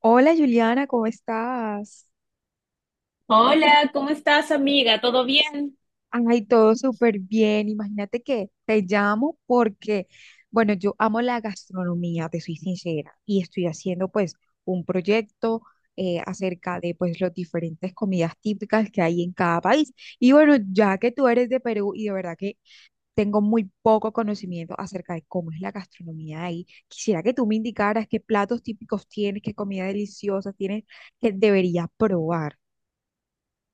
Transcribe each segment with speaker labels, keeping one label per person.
Speaker 1: Hola Juliana, ¿cómo estás?
Speaker 2: Hola, ¿cómo estás, amiga? ¿Todo bien?
Speaker 1: Ay, todo súper bien. Imagínate que te llamo porque, bueno, yo amo la gastronomía, te soy sincera, y estoy haciendo pues un proyecto acerca de pues las diferentes comidas típicas que hay en cada país. Y bueno, ya que tú eres de Perú y de verdad que tengo muy poco conocimiento acerca de cómo es la gastronomía de ahí, quisiera que tú me indicaras qué platos típicos tienes, qué comida deliciosa tienes que debería probar.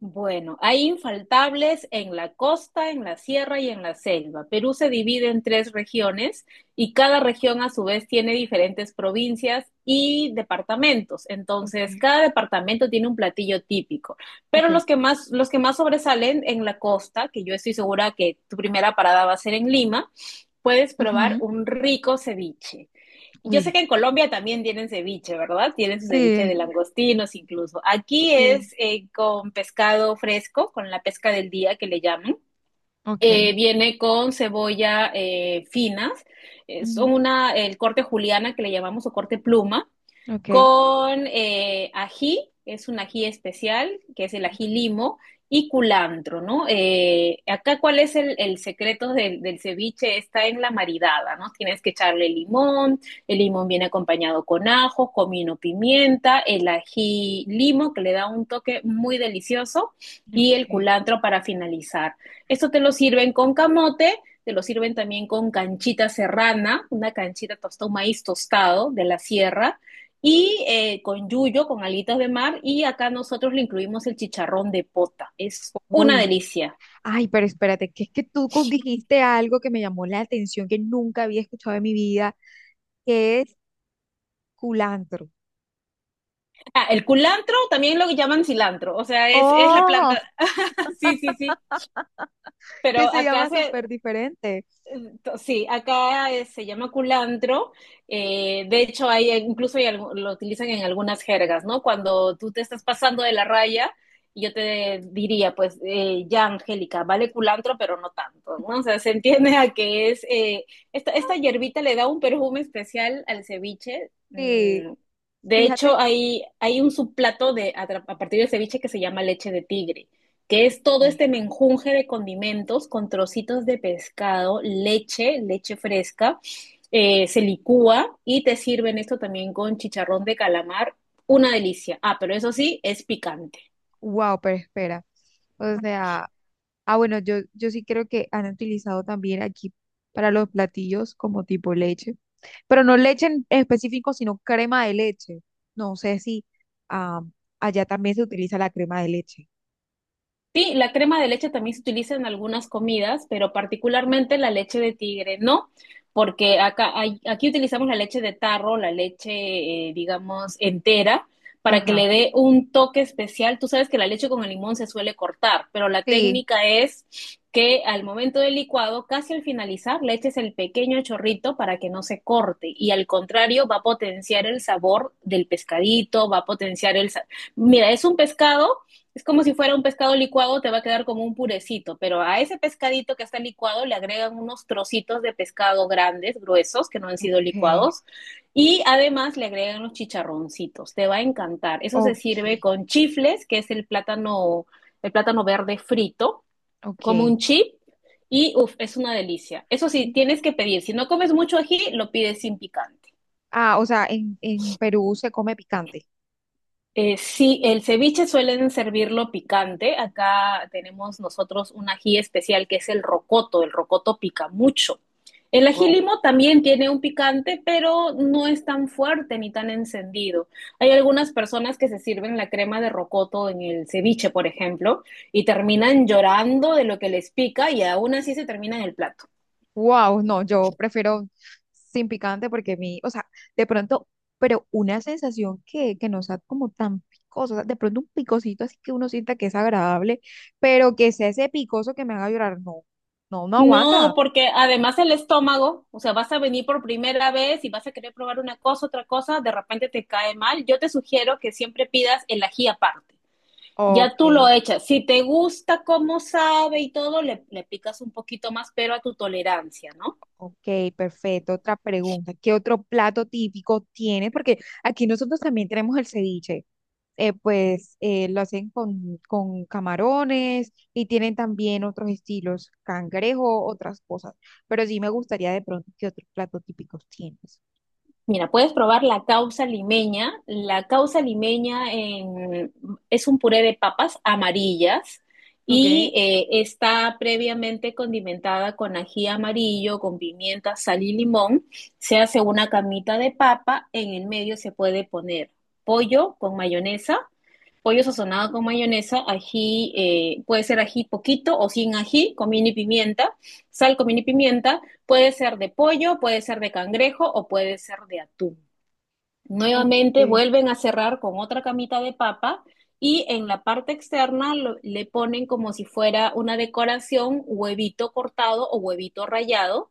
Speaker 2: Bueno, hay infaltables en la costa, en la sierra y en la selva. Perú se divide en tres regiones y cada región a su vez tiene diferentes provincias y departamentos.
Speaker 1: Ok,
Speaker 2: Entonces, cada departamento tiene un platillo típico, pero
Speaker 1: ok.
Speaker 2: los que más sobresalen en la costa, que yo estoy segura que tu primera parada va a ser en Lima, puedes probar
Speaker 1: Ujú.
Speaker 2: un rico ceviche. Yo sé que
Speaker 1: Uy,
Speaker 2: en Colombia también tienen ceviche, ¿verdad? Tienen su ceviche de
Speaker 1: sí,
Speaker 2: langostinos incluso. Aquí
Speaker 1: sí,
Speaker 2: es con pescado fresco, con la pesca del día que le llaman.
Speaker 1: ok.
Speaker 2: Viene con cebolla finas,
Speaker 1: Ujú,
Speaker 2: el corte juliana que le llamamos o corte pluma,
Speaker 1: ok,
Speaker 2: con ají, es un ají especial, que es el
Speaker 1: ok,
Speaker 2: ají limo, y culantro, ¿no? Acá, ¿cuál es el secreto del ceviche? Está en la maridada, ¿no? Tienes que echarle limón, el limón viene acompañado con ajo, comino, pimienta, el ají limo, que le da un toque muy delicioso, y
Speaker 1: ok.
Speaker 2: el culantro para finalizar. Esto te lo sirven con camote, te lo sirven también con canchita serrana, una canchita tostado, un maíz tostado de la sierra, y con yuyo, con alitas de mar, y acá nosotros le incluimos el chicharrón de pota. Es una
Speaker 1: Uy,
Speaker 2: delicia.
Speaker 1: ay, pero espérate, que es que dijiste algo que me llamó la atención, que nunca había escuchado en mi vida, que es culantro.
Speaker 2: Ah, el culantro también lo llaman cilantro, o sea, es la planta.
Speaker 1: Oh,
Speaker 2: Sí, sí, sí. Pero
Speaker 1: que se
Speaker 2: acá
Speaker 1: llama
Speaker 2: se,
Speaker 1: súper diferente.
Speaker 2: Sí, acá se llama culantro. De hecho, hay, incluso hay algu- lo utilizan en algunas jergas, ¿no? Cuando tú te estás pasando de la raya, y yo te diría, pues, ya, Angélica, vale culantro, pero no tanto, ¿no? O sea, se entiende a que es, esta hierbita le da un perfume especial al ceviche.
Speaker 1: Sí,
Speaker 2: Mm. De
Speaker 1: fíjate.
Speaker 2: hecho, hay un subplato a partir del ceviche que se llama leche de tigre, que es todo
Speaker 1: Ok.
Speaker 2: este menjunje de condimentos con trocitos de pescado, leche fresca, se licúa y te sirven esto también con chicharrón de calamar, una delicia. Ah, pero eso sí, es picante.
Speaker 1: Wow, pero espera. O sea, ah, bueno, yo sí creo que han utilizado también aquí para los platillos como tipo leche, pero no leche en específico, sino crema de leche. No sé si ah, allá también se utiliza la crema de leche.
Speaker 2: Sí, la crema de leche también se utiliza en algunas comidas, pero particularmente la leche de tigre, ¿no? Porque acá aquí utilizamos la leche de tarro, la leche, digamos, entera, para que
Speaker 1: Ajá.
Speaker 2: le dé un toque especial. Tú sabes que la leche con el limón se suele cortar, pero la
Speaker 1: Sí.
Speaker 2: técnica es que al momento del licuado, casi al finalizar, le eches el pequeño chorrito para que no se corte. Y al contrario, va a potenciar el sabor del pescadito, va a potenciar el... sa- mira, es como si fuera un pescado licuado, te va a quedar como un purecito, pero a ese pescadito que está licuado le agregan unos trocitos de pescado grandes, gruesos, que no han sido
Speaker 1: Ok,
Speaker 2: licuados, y además le agregan los chicharroncitos. Te va a encantar. Eso se
Speaker 1: ok,
Speaker 2: sirve con chifles, que es el plátano verde frito, como un
Speaker 1: ok.
Speaker 2: chip, y uff, es una delicia. Eso sí, tienes que pedir. Si no comes mucho ají, lo pides sin picante.
Speaker 1: Ah, o sea, en Perú se come picante.
Speaker 2: Sí, el ceviche suelen servirlo picante. Acá tenemos nosotros un ají especial que es el rocoto. El rocoto pica mucho. El ají limo también tiene un picante, pero no es tan fuerte ni tan encendido. Hay algunas personas que se sirven la crema de rocoto en el ceviche, por ejemplo, y terminan llorando de lo que les pica y aún así se termina en el plato.
Speaker 1: Wow, no, yo prefiero sin picante porque mi, o sea, de pronto, pero una sensación que no sea como tan picosa, o sea, de pronto un picosito así que uno sienta que es agradable, pero que sea ese picoso que me haga llorar, no, no, no
Speaker 2: No,
Speaker 1: aguanta.
Speaker 2: porque además el estómago, o sea, vas a venir por primera vez y vas a querer probar una cosa, otra cosa, de repente te cae mal. Yo te sugiero que siempre pidas el ají aparte. Ya
Speaker 1: Ok,
Speaker 2: tú lo echas. Si te gusta cómo sabe y todo, le picas un poquito más, pero a tu tolerancia, ¿no?
Speaker 1: ok, perfecto. Otra pregunta. ¿Qué otro plato típico tiene? Porque aquí nosotros también tenemos el ceviche. Lo hacen con camarones y tienen también otros estilos, cangrejo, otras cosas. Pero sí me gustaría de pronto qué otros platos típicos tienes.
Speaker 2: Mira, puedes probar la causa limeña. Es un puré de papas amarillas
Speaker 1: Ok,
Speaker 2: y está previamente condimentada con ají amarillo, con pimienta, sal y limón. Se hace una camita de papa, en el medio se puede poner pollo con mayonesa, pollo sazonado con mayonesa, ají, puede ser ají poquito o sin ají, comino y pimienta, sal, comino y pimienta, puede ser de pollo, puede ser de cangrejo o puede ser de atún. Nuevamente
Speaker 1: ok.
Speaker 2: vuelven a cerrar con otra camita de papa y en la parte externa le ponen como si fuera una decoración huevito cortado o huevito rallado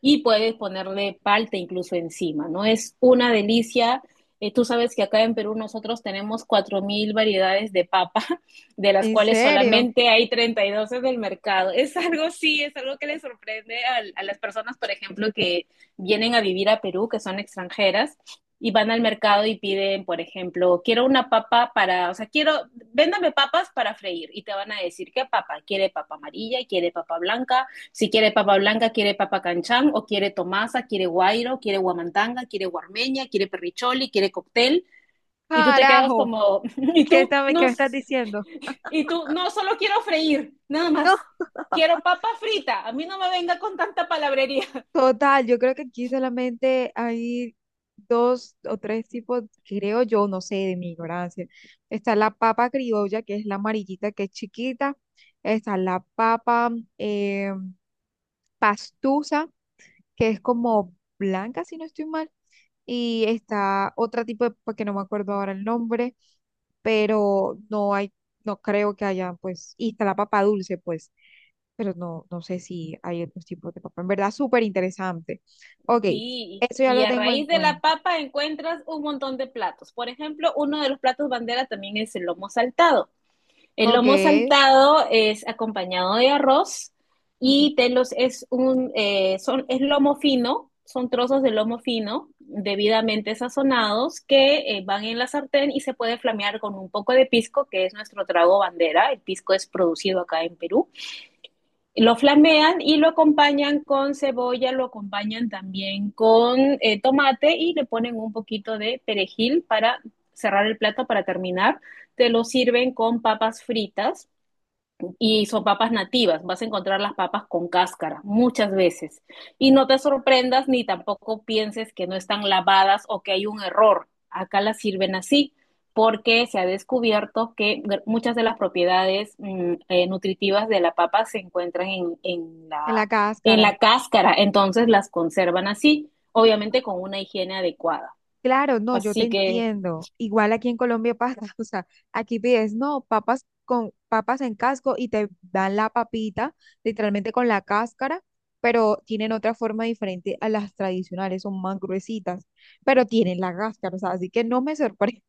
Speaker 2: y puedes ponerle palta incluso encima, ¿no? Es una delicia. Tú sabes que acá en Perú nosotros tenemos 4000 variedades de papa, de las
Speaker 1: ¿En
Speaker 2: cuales
Speaker 1: serio?
Speaker 2: solamente hay 32 en el mercado. Es algo, sí, es algo que le sorprende a las personas, por ejemplo, que vienen a vivir a Perú, que son extranjeras, y van al mercado y piden, por ejemplo, quiero una papa para, o sea, quiero, véndame papas para freír y te van a decir qué papa, quiere papa amarilla, quiere papa blanca, si quiere papa blanca, quiere papa canchán, o quiere tomasa, quiere guairo, quiere guamantanga, quiere guarmeña, quiere perricholi, quiere cóctel. Y tú te quedas
Speaker 1: Carajo,
Speaker 2: como, y
Speaker 1: ¿qué,
Speaker 2: tú,
Speaker 1: está- qué
Speaker 2: no,
Speaker 1: me estás diciendo?
Speaker 2: solo quiero freír, nada
Speaker 1: No.
Speaker 2: más. Quiero papa frita, a mí no me venga con tanta palabrería.
Speaker 1: Total, yo creo que aquí solamente hay dos o tres tipos, creo yo, no sé, de mi ignorancia. Está la papa criolla, que es la amarillita, que es chiquita. Está la papa eh, pastusa, que es como blanca, si no estoy mal. Y está otro tipo de, papa que no me acuerdo ahora el nombre, pero no hay no creo que haya, pues, y está la papa dulce, pues, pero no, no sé si hay otros tipos de papa. En verdad, súper interesante. Ok,
Speaker 2: Sí,
Speaker 1: eso ya
Speaker 2: y
Speaker 1: lo
Speaker 2: a
Speaker 1: tengo en
Speaker 2: raíz de la
Speaker 1: cuenta.
Speaker 2: papa encuentras un montón de platos. Por ejemplo, uno de los platos bandera también es el lomo saltado. El
Speaker 1: Ok,
Speaker 2: lomo saltado es acompañado de arroz
Speaker 1: ujú,
Speaker 2: y telos es lomo fino, son trozos de lomo fino debidamente sazonados que van en la sartén y se puede flamear con un poco de pisco, que es nuestro trago bandera. El pisco es producido acá en Perú. Lo flamean y lo acompañan con cebolla, lo acompañan también con tomate y le ponen un poquito de perejil para cerrar el plato, para terminar. Te lo sirven con papas fritas y son papas nativas. Vas a encontrar las papas con cáscara muchas veces. Y no te sorprendas ni tampoco pienses que no están lavadas o que hay un error. Acá las sirven así porque se ha descubierto que muchas de las propiedades nutritivas de la papa se encuentran
Speaker 1: en la
Speaker 2: en
Speaker 1: cáscara.
Speaker 2: la cáscara, entonces las conservan así, obviamente con una higiene adecuada.
Speaker 1: Claro, no, yo te
Speaker 2: Así que
Speaker 1: entiendo. Igual aquí en Colombia pasa, o sea, aquí pides, no, papas con papas en casco y te dan la papita, literalmente con la cáscara, pero tienen otra forma diferente a las tradicionales, son más gruesitas, pero tienen la cáscara, o sea, así que no me sorprende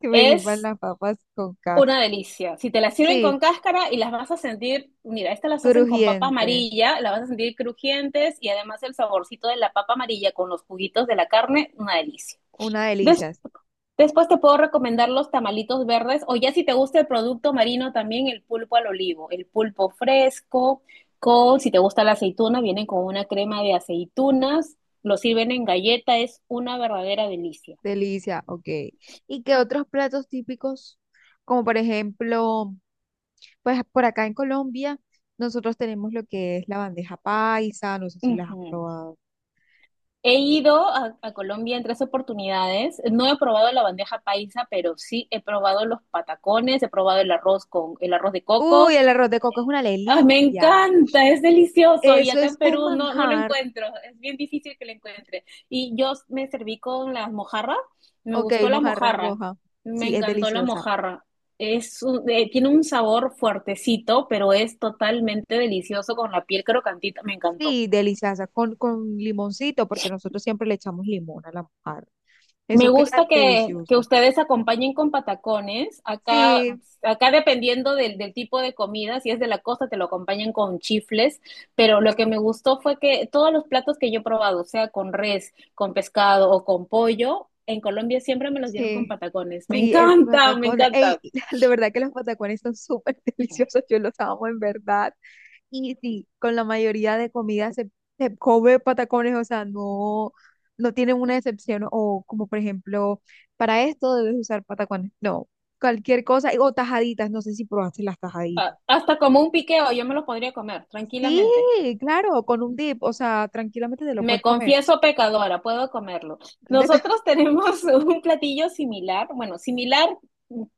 Speaker 1: que me sirvan
Speaker 2: es
Speaker 1: las papas con casca.
Speaker 2: una delicia. Si te las sirven con
Speaker 1: Sí,
Speaker 2: cáscara y las vas a sentir, mira, estas las hacen con papa
Speaker 1: crujientes,
Speaker 2: amarilla, las vas a sentir crujientes y además el saborcito de la papa amarilla con los juguitos de la carne, una delicia.
Speaker 1: una
Speaker 2: Des-
Speaker 1: delicia, sí,
Speaker 2: Después te puedo recomendar los tamalitos verdes o ya si te gusta el producto marino también el pulpo al olivo, el pulpo fresco, con, si te gusta la aceituna, vienen con una crema de aceitunas, lo sirven en galleta, es una verdadera delicia.
Speaker 1: delicia, ok. ¿Y qué otros platos típicos? Como por ejemplo, pues por acá en Colombia, nosotros tenemos lo que es la bandeja paisa, no sé si las has
Speaker 2: Ujú.
Speaker 1: probado.
Speaker 2: He ido a Colombia en tres oportunidades. No he probado la bandeja paisa, pero sí he probado los patacones, he probado el arroz con el arroz de coco.
Speaker 1: Uy, el arroz de coco es una
Speaker 2: ¡Ah, me
Speaker 1: delicia.
Speaker 2: encanta, es delicioso! Y
Speaker 1: Eso
Speaker 2: acá en
Speaker 1: es un
Speaker 2: Perú no, no lo
Speaker 1: manjar.
Speaker 2: encuentro, es bien difícil que lo encuentre. Y yo me serví con las mojarras, me
Speaker 1: Ok,
Speaker 2: gustó la
Speaker 1: mojarra
Speaker 2: mojarra,
Speaker 1: roja.
Speaker 2: me
Speaker 1: Sí, es
Speaker 2: encantó la
Speaker 1: deliciosa.
Speaker 2: mojarra. Tiene un sabor fuertecito, pero es totalmente delicioso con la piel crocantita, me encantó.
Speaker 1: Sí, deliciosa, con limoncito, porque nosotros siempre le echamos limón a la mojarra.
Speaker 2: Me
Speaker 1: Eso
Speaker 2: gusta
Speaker 1: queda
Speaker 2: que
Speaker 1: delicioso.
Speaker 2: ustedes acompañen con patacones. Acá,
Speaker 1: Sí,
Speaker 2: acá dependiendo del tipo de comida, si es de la costa, te lo acompañan con chifles. Pero lo que me gustó fue que todos los platos que yo he probado, sea con res, con pescado o con pollo, en Colombia siempre me los dieron con
Speaker 1: sí,
Speaker 2: patacones. Me
Speaker 1: sí, el
Speaker 2: encanta, me
Speaker 1: patacón. Ey,
Speaker 2: encanta.
Speaker 1: de verdad que los patacones son súper deliciosos, yo los amo en verdad. Y sí, con la mayoría de comidas se come patacones, o sea, no, no tienen una excepción. O como por ejemplo, para esto debes usar patacones. No, cualquier cosa. Y- O tajaditas, no sé si probaste las
Speaker 2: Ah,
Speaker 1: tajaditas.
Speaker 2: hasta como un piqueo, yo me lo podría comer
Speaker 1: Sí,
Speaker 2: tranquilamente.
Speaker 1: claro, con un dip, o sea, tranquilamente te lo
Speaker 2: Me
Speaker 1: puedes comer.
Speaker 2: confieso pecadora, puedo comerlo. Nosotros tenemos un platillo similar, bueno, similar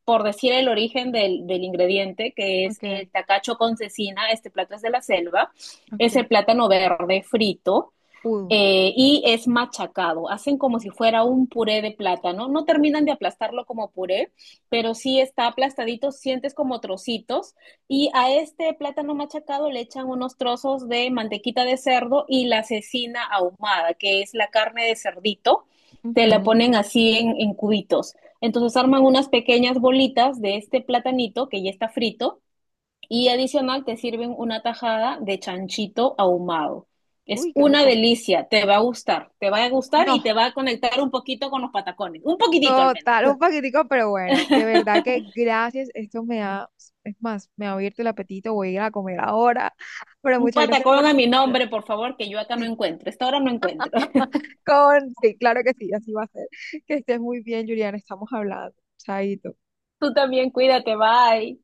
Speaker 2: por decir el origen del ingrediente, que es
Speaker 1: Okay,
Speaker 2: el tacacho con cecina, este plato es de la selva, es
Speaker 1: okay.
Speaker 2: el plátano verde frito,
Speaker 1: Pudo.
Speaker 2: y es machacado. Hacen como si fuera un puré de plátano. No terminan de aplastarlo como puré, pero sí está aplastadito, sientes como trocitos. Y a este plátano machacado le echan unos trozos de mantequita de cerdo y la cecina ahumada, que es la carne de cerdito. Te la
Speaker 1: Ujú.
Speaker 2: ponen así en cubitos. Entonces arman unas pequeñas bolitas de este platanito que ya está frito y adicional te sirven una tajada de chanchito ahumado. Es
Speaker 1: Uy, qué
Speaker 2: una
Speaker 1: rico.
Speaker 2: delicia, te va a gustar, te va a gustar y
Speaker 1: No,
Speaker 2: te va a conectar un poquito con los patacones, un poquitito al menos.
Speaker 1: total, un paquetico, pero bueno, de verdad que gracias. Esto me ha, es más, me ha abierto el apetito, voy a ir a comer ahora. Pero
Speaker 2: Un
Speaker 1: muchas gracias
Speaker 2: patacón
Speaker 1: por...
Speaker 2: a mi nombre, por favor, que yo acá no
Speaker 1: Sí,
Speaker 2: encuentro, esta hora no encuentro.
Speaker 1: con... sí, claro que sí, así va a ser. Que estés muy bien, Juliana, estamos hablando. Chaito.
Speaker 2: Tú también cuídate, bye.